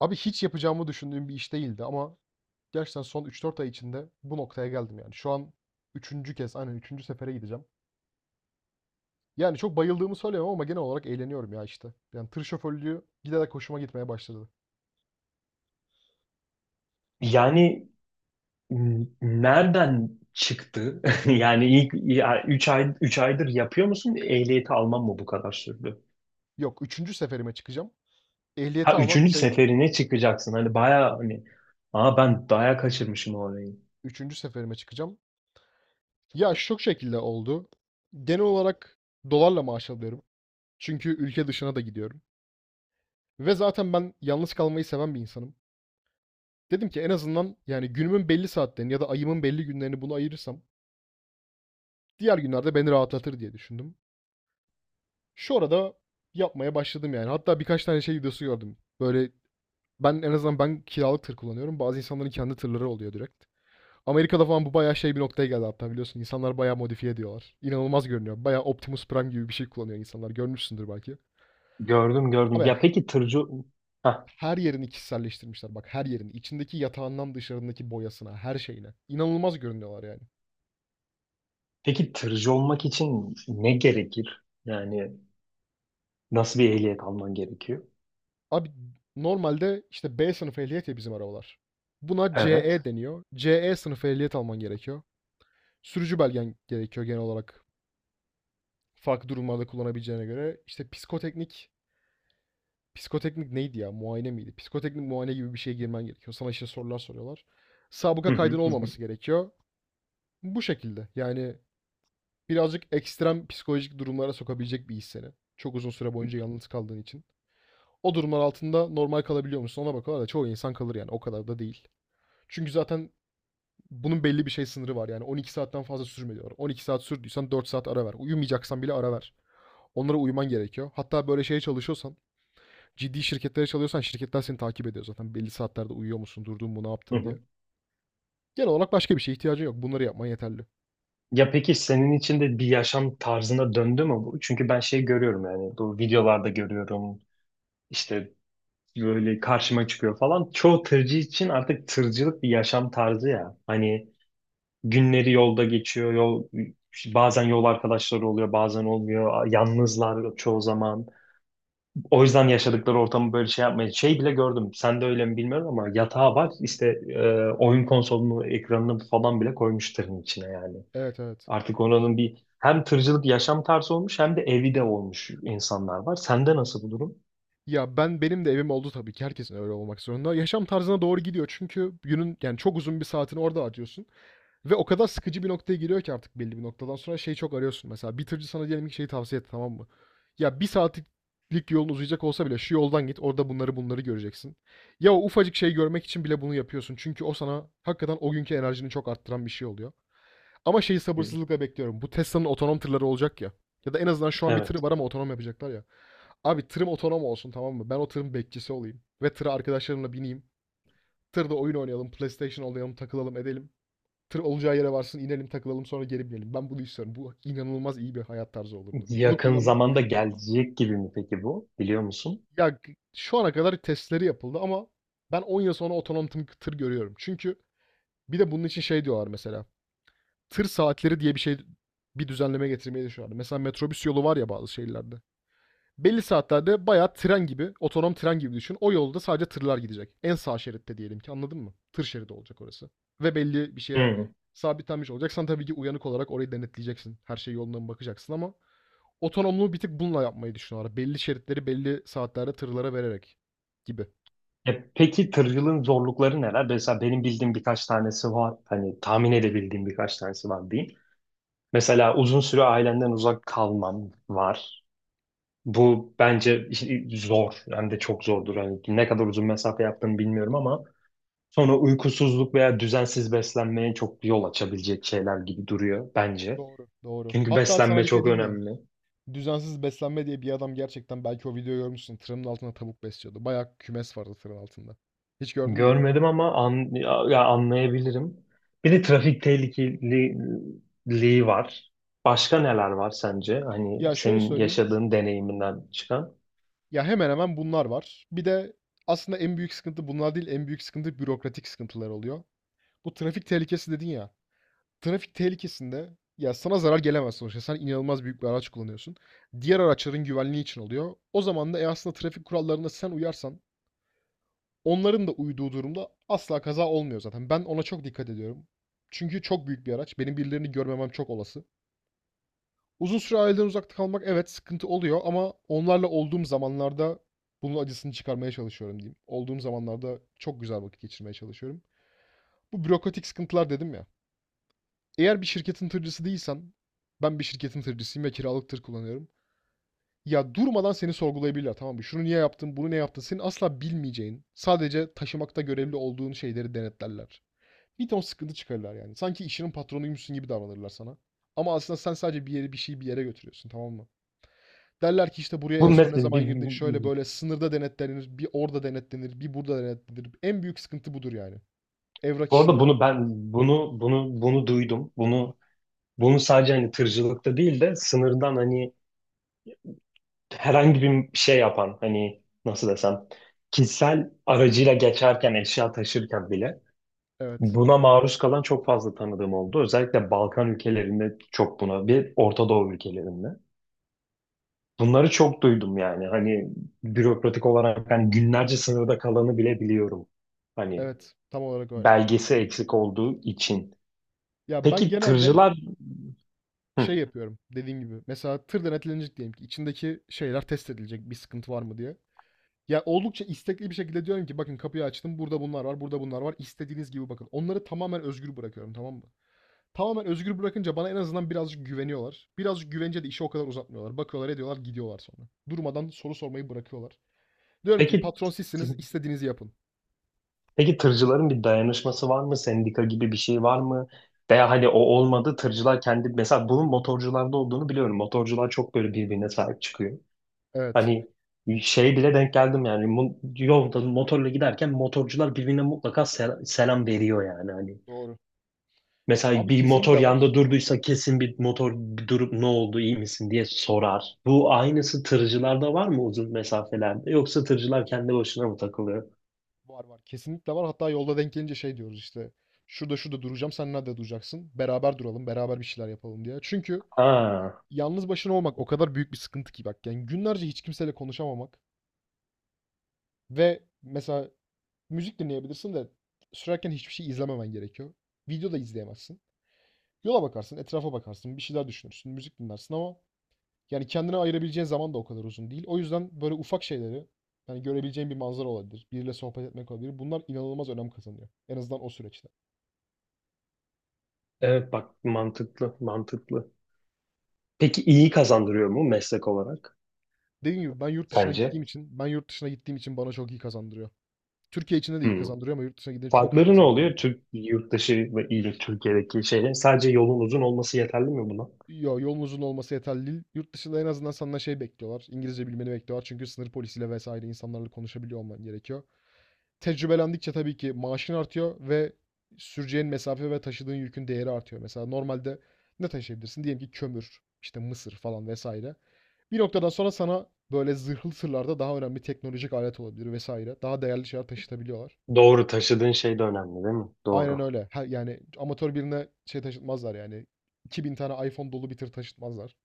Abi hiç yapacağımı düşündüğüm bir iş değildi ama gerçekten son 3 4 ay içinde bu noktaya geldim yani. Şu an üçüncü kez, aynen üçüncü sefere gideceğim. Yani çok bayıldığımı söyleyemem ama genel olarak eğleniyorum ya işte. Yani tır şoförlüğü giderek hoşuma gitmeye başladı. Yani nereden çıktı? Yani ilk 3 aydır yapıyor musun? Ehliyeti alman mı bu kadar sürdü? Yok üçüncü seferime çıkacağım. Ehliyeti Ha almam üçüncü 3 ay, seferine çıkacaksın. Hani bayağı hani aa ben bayağı kaçırmışım orayı. 3. seferime çıkacağım. Ya şu şekilde oldu. Genel olarak dolarla maaş alıyorum. Çünkü ülke dışına da gidiyorum. Ve zaten ben yalnız kalmayı seven bir insanım. Dedim ki en azından yani günümün belli saatlerini ya da ayımın belli günlerini bunu ayırırsam diğer günlerde beni rahatlatır diye düşündüm. Şu arada yapmaya başladım yani. Hatta birkaç tane şey videosu gördüm. Böyle ben en azından ben kiralık tır kullanıyorum. Bazı insanların kendi tırları oluyor direkt. Amerika'da falan bu bayağı şey bir noktaya geldi hatta biliyorsun. İnsanlar bayağı modifiye ediyorlar. İnanılmaz görünüyor. Bayağı Optimus Prime gibi bir şey kullanıyor insanlar. Görmüşsündür belki. Gördüm gördüm. Abi Ya peki tırcı ha her yerini kişiselleştirmişler. Bak her yerini. İçindeki yatağından dışarındaki boyasına, her şeyine. İnanılmaz görünüyorlar yani. peki tırcı olmak için ne gerekir? Yani nasıl bir ehliyet alman gerekiyor? Abi normalde işte B sınıfı ehliyet ya bizim arabalar. Buna Evet. CE deniyor. CE sınıfı ehliyet alman gerekiyor. Sürücü belgen gerekiyor genel olarak. Farklı durumlarda kullanabileceğine göre. İşte psikoteknik, psikoteknik neydi ya? Muayene miydi? Psikoteknik muayene gibi bir şeye girmen gerekiyor. Sana işte sorular soruyorlar. Sabıka Hı hı, kaydın hı hı. olmaması gerekiyor. Bu şekilde. Yani birazcık ekstrem psikolojik durumlara sokabilecek bir iş seni. Çok uzun süre boyunca yalnız kaldığın için. O durumlar altında normal kalabiliyor musun ona bakıyorlar da çoğu insan kalır yani, o kadar da değil. Çünkü zaten bunun belli bir şey sınırı var. Yani 12 saatten fazla sürme diyorlar. 12 saat sürdüysen 4 saat ara ver. Uyumayacaksan bile ara ver. Onlara uyuman gerekiyor. Hatta böyle şeye çalışıyorsan, ciddi şirketlere çalışıyorsan şirketler seni takip ediyor zaten. Belli saatlerde uyuyor musun, durdun mu, ne Hı yaptın diye. hı. Genel olarak başka bir şeye ihtiyacın yok. Bunları yapman yeterli. Ya peki senin için de bir yaşam tarzına döndü mü bu? Çünkü ben şey görüyorum, yani bu videolarda görüyorum. İşte böyle karşıma çıkıyor falan. Çoğu tırcı için artık tırcılık bir yaşam tarzı ya. Hani günleri yolda geçiyor, bazen yol arkadaşları oluyor, bazen olmuyor. Yalnızlar çoğu zaman. O yüzden yaşadıkları ortamı böyle şey yapmaya. Şey bile gördüm. Sen de öyle mi bilmiyorum ama yatağı var. İşte oyun konsolunu, ekranını falan bile koymuş tırın içine yani. Evet, evet. Artık oranın bir hem tırcılık yaşam tarzı olmuş hem de evi de olmuş insanlar var. Sende nasıl bu durum? Ya ben, benim de evim oldu tabii ki, herkesin öyle olmak zorunda. Yaşam tarzına doğru gidiyor çünkü günün yani çok uzun bir saatini orada harcıyorsun. Ve o kadar sıkıcı bir noktaya geliyor ki artık belli bir noktadan sonra şey çok arıyorsun. Mesela bitirci sana diyelim ki şeyi tavsiye etti, tamam mı? Ya bir saatlik yolun uzayacak olsa bile şu yoldan git, orada bunları göreceksin. Ya o ufacık şeyi görmek için bile bunu yapıyorsun. Çünkü o sana hakikaten o günkü enerjini çok arttıran bir şey oluyor. Ama şeyi Hı. sabırsızlıkla bekliyorum. Bu Tesla'nın otonom tırları olacak ya. Ya da en azından şu an bir tırı Evet. var ama otonom yapacaklar ya. Abi tırım otonom olsun, tamam mı? Ben o tırın bekçisi olayım. Ve tıra arkadaşlarımla bineyim. Tırda oyun oynayalım, PlayStation oynayalım, takılalım, edelim. Tır olacağı yere varsın, inelim, takılalım, sonra geri binelim. Ben bunu istiyorum. Bu inanılmaz iyi bir hayat tarzı olurdu. Onu Yakın kullanmak... zamanda gelecek gibi mi peki bu? Biliyor musun? Şu ana kadar testleri yapıldı ama ben 10 yıl sonra otonom tır görüyorum. Çünkü bir de bunun için şey diyorlar mesela. Tır saatleri diye bir şey, bir düzenleme getirmeyi düşünüyorlar. Mesela metrobüs yolu var ya bazı şehirlerde. Belli saatlerde bayağı tren gibi, otonom tren gibi düşün. O yolda sadece tırlar gidecek. En sağ şeritte diyelim ki, anladın mı? Tır şeridi olacak orası. Ve belli bir şeye Hı. sabitlenmiş olacaksan tabii ki uyanık olarak orayı denetleyeceksin. Her şey yoluna mı bakacaksın, ama otonomluğu bir tık bununla yapmayı düşünüyorlar. Belli şeritleri belli saatlerde tırlara vererek gibi. E peki tırcılığın zorlukları neler? Mesela benim bildiğim birkaç tanesi var. Hani tahmin edebildiğim birkaç tanesi var diyeyim. Mesela uzun süre ailemden uzak kalmam var. Bu bence zor. Hem de çok zordur. Hani ne kadar uzun mesafe yaptığını bilmiyorum ama sonra uykusuzluk veya düzensiz beslenmeye çok yol açabilecek şeyler gibi duruyor bence. Doğru, doğru. Çünkü Hatta sana beslenme bir şey çok diyeyim mi? önemli. Düzensiz beslenme diye bir adam gerçekten, belki o videoyu görmüşsün. Tırın altında tavuk besliyordu. Bayağı kümes vardı tırın altında. Hiç gördün mü onu? Görmedim ama an, ya, ya anlayabilirim. Bir de trafik tehlikeliliği var. Başka neler var sence? Hani Ya şöyle senin söyleyeyim. yaşadığın deneyiminden çıkan. Ya, hemen hemen bunlar var. Bir de aslında en büyük sıkıntı bunlar değil, en büyük sıkıntı bürokratik sıkıntılar oluyor. Bu trafik tehlikesi dedin ya, trafik tehlikesinde, ya, sana zarar gelemez sonuçta. Sen inanılmaz büyük bir araç kullanıyorsun. Diğer araçların güvenliği için oluyor. O zaman da, aslında trafik kurallarına sen uyarsan, onların da uyduğu durumda asla kaza olmuyor zaten. Ben ona çok dikkat ediyorum. Çünkü çok büyük bir araç. Benim birilerini görmemem çok olası. Uzun süre aileden uzakta kalmak evet sıkıntı oluyor, ama onlarla olduğum zamanlarda bunun acısını çıkarmaya çalışıyorum diyeyim. Olduğum zamanlarda çok güzel vakit geçirmeye çalışıyorum. Bu bürokratik sıkıntılar dedim ya. Eğer bir şirketin tırcısı değilsen, ben bir şirketin tırcısıyım ve kiralık tır kullanıyorum. Ya durmadan seni sorgulayabilirler, tamam mı? Şunu niye yaptın, bunu ne yaptın? Senin asla bilmeyeceğin, sadece taşımakta görevli olduğun şeyleri denetlerler. Bir ton sıkıntı çıkarırlar yani. Sanki işinin patronuymuşsun gibi davranırlar sana. Ama aslında sen sadece bir yeri, bir şeyi bir yere götürüyorsun, tamam mı? Derler ki işte buraya Bu en son ne mesela zaman bir, girdin, şöyle böyle, sınırda denetlenir, bir orada denetlenir, bir burada denetlenir. En büyük sıkıntı budur yani. Evrak bu arada işleri. Bunu duydum. Bunu sadece hani tırcılıkta değil de sınırdan hani herhangi bir şey yapan hani nasıl desem kişisel aracıyla geçerken eşya taşırken bile Evet. buna maruz kalan çok fazla tanıdığım oldu. Özellikle Balkan ülkelerinde çok buna bir Orta Doğu ülkelerinde. Bunları çok duydum yani hani bürokratik olarak hani günlerce sınırda kalanı bile biliyorum. Hani Evet. Tam olarak öyle. belgesi eksik olduğu için. Ya ben Peki genelde tırcılar şey hı. yapıyorum dediğim gibi. Mesela tır denetlenecek diyelim ki, içindeki şeyler test edilecek bir sıkıntı var mı diye. Ya oldukça istekli bir şekilde diyorum ki bakın, kapıyı açtım, burada bunlar var, burada bunlar var. İstediğiniz gibi bakın. Onları tamamen özgür bırakıyorum, tamam mı? Tamamen özgür bırakınca bana en azından birazcık güveniyorlar. Birazcık güvenince de işi o kadar uzatmıyorlar. Bakıyorlar, ediyorlar, gidiyorlar sonra. Durmadan soru sormayı bırakıyorlar. Diyorum ki peki patron sizsiniz, istediğinizi yapın. Peki tırcıların bir dayanışması var mı? Sendika gibi bir şey var mı? Veya hani o olmadı tırcılar kendi mesela bunun motorcularda olduğunu biliyorum. Motorcular çok böyle birbirine sahip çıkıyor. Evet. Hani şey bile denk geldim yani yolda motorla giderken motorcular birbirine mutlaka selam veriyor yani hani. Doğru. Mesela Abi bir kesinlikle motor var. yanda durduysa kesin bir motor bir durup ne oldu, iyi misin diye sorar. Bu aynısı tırcılarda var mı uzun mesafelerde, yoksa tırcılar Var. kendi başına mı takılıyor? Var, var. Kesinlikle var. Hatta yolda denk gelince şey diyoruz işte. Şurada şurada duracağım. Sen nerede duracaksın? Beraber duralım. Beraber bir şeyler yapalım diye. Çünkü Ha. yalnız başına olmak o kadar büyük bir sıkıntı ki bak. Yani günlerce hiç kimseyle konuşamamak ve mesela müzik dinleyebilirsin de sürerken hiçbir şey izlememen gerekiyor. Video da izleyemezsin. Yola bakarsın, etrafa bakarsın, bir şeyler düşünürsün, müzik dinlersin ama yani kendine ayırabileceğin zaman da o kadar uzun değil. O yüzden böyle ufak şeyleri, yani görebileceğin bir manzara olabilir, biriyle sohbet etmek olabilir. Bunlar inanılmaz önem kazanıyor. En azından o süreçte. Evet bak, mantıklı mantıklı. Peki iyi kazandırıyor mu meslek olarak Dediğim gibi ben yurt dışına gittiğim sence? için, ben yurt dışına gittiğim için bana çok iyi kazandırıyor. Türkiye içinde de iyi Hmm. kazandırıyor ama yurt dışına gidince çok iyi Farkları ne kazandırıyor. oluyor? Türk yurt dışı ve ile Türkiye'deki şeylerin sadece yolun uzun olması yeterli mi buna? Yo, yolun uzun olması yeterli değil. Yurt dışında en azından senden şey bekliyorlar. İngilizce bilmeni bekliyorlar. Çünkü sınır polisiyle vesaire insanlarla konuşabiliyor olman gerekiyor. Tecrübelendikçe tabii ki maaşın artıyor ve süreceğin mesafe ve taşıdığın yükün değeri artıyor. Mesela normalde ne taşıyabilirsin? Diyelim ki kömür, işte mısır falan vesaire. Bir noktadan sonra sana böyle zırhlı tırlarda daha önemli teknolojik alet olabilir vesaire. Daha değerli şeyler taşıtabiliyorlar. Doğru, taşıdığın şey de önemli değil mi? Aynen Doğru. öyle. Ha, yani amatör birine şey taşıtmazlar yani. 2.000 tane iPhone dolu bir tır taşıtmazlar.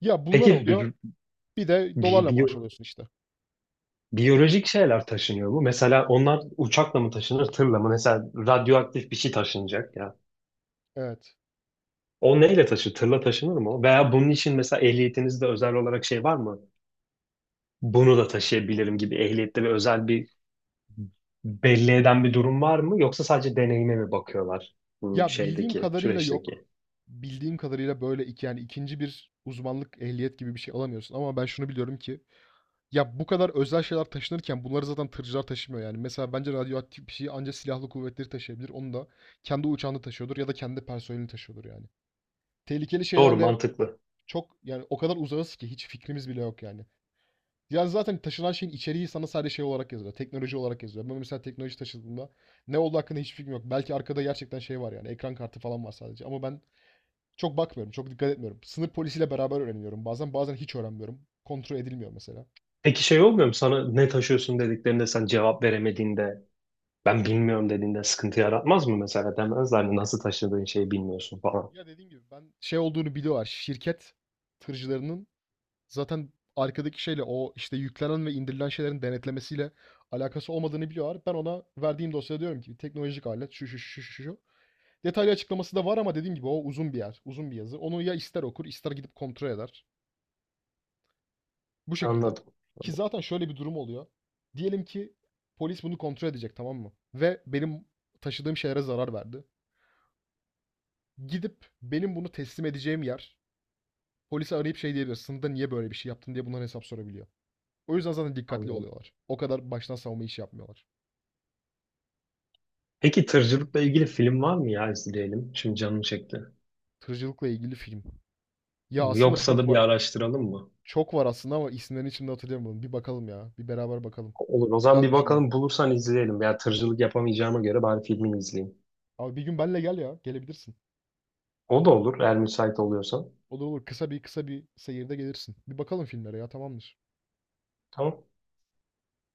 Ya bunlar Peki oluyor. Bir de bi- dolarla maaş biyo- alıyorsun işte. biyolojik şeyler taşınıyor mu? Mesela onlar uçakla mı taşınır, tırla mı? Mesela radyoaktif bir şey taşınacak ya. Evet. O neyle taşır? Tırla taşınır mı o? Veya bunun için mesela ehliyetinizde özel olarak şey var mı? Bunu da taşıyabilirim gibi ehliyette bir özel bir belli eden bir durum var mı, yoksa sadece deneyime mi bakıyorlar bu Ya bildiğim şeydeki kadarıyla yok. süreçteki? Bildiğim kadarıyla böyle iki, yani ikinci bir uzmanlık ehliyet gibi bir şey alamıyorsun. Ama ben şunu biliyorum ki ya bu kadar özel şeyler taşınırken bunları zaten tırcılar taşımıyor yani. Mesela bence radyoaktif bir şeyi ancak silahlı kuvvetleri taşıyabilir. Onu da kendi uçağında taşıyordur ya da kendi personelini taşıyordur yani. Tehlikeli Doğru, şeylerle mantıklı. çok, yani o kadar uzağız ki hiç fikrimiz bile yok yani. Yani zaten taşınan şeyin içeriği sana sadece şey olarak yazıyor. Teknoloji olarak yazıyor. Ben mesela teknoloji taşıdığımda ne olduğu hakkında hiçbir fikrim yok. Belki arkada gerçekten şey var yani. Ekran kartı falan var sadece. Ama ben çok bakmıyorum. Çok dikkat etmiyorum. Sınır polisiyle beraber öğreniyorum. Bazen hiç öğrenmiyorum. Kontrol edilmiyor mesela. Peki şey olmuyor mu sana ne taşıyorsun dediklerinde sen cevap veremediğinde, ben bilmiyorum dediğinde sıkıntı yaratmaz mı, mesela demezler mi nasıl taşıdığın şeyi bilmiyorsun falan. Ya dediğim gibi ben şey olduğunu biliyorlar. Şirket tırcılarının zaten arkadaki şeyle o işte yüklenen ve indirilen şeylerin denetlemesiyle alakası olmadığını biliyorlar. Ben ona verdiğim dosyada diyorum ki teknolojik alet şu şu şu şu şu. Detaylı açıklaması da var ama dediğim gibi o uzun bir yer, uzun bir yazı. Onu ya ister okur, ister gidip kontrol eder. Bu şekilde. Anladım, Ki zaten şöyle bir durum oluyor. Diyelim ki polis bunu kontrol edecek, tamam mı? Ve benim taşıdığım şeylere zarar verdi. Gidip benim bunu teslim edeceğim yer polise arayıp şey diyebilir. Sınıfta niye böyle bir şey yaptın diye bunların hesap sorabiliyor. O yüzden zaten dikkatli anladım. oluyorlar. O kadar baştan savunma işi yapmıyorlar. Peki tırcılıkla ilgili film var mı ya, izleyelim? Şimdi canım çekti. Tırcılıkla ilgili film. Ya aslında Yoksa çok da bir var. araştıralım mı? Çok var aslında ama isimlerini şimdi hatırlayamadım. Bir bakalım ya. Bir beraber bakalım. Olur. O zaman Güzel bir düşündün. bakalım, bulursan izleyelim. Ya tırcılık yapamayacağıma göre bari filmini izleyeyim. Abi bir gün benle gel ya. Gelebilirsin. O da olur eğer müsait oluyorsan. Olur, olur. Kısa bir seyirde gelirsin. Bir bakalım filmlere ya, tamamdır. Tamam.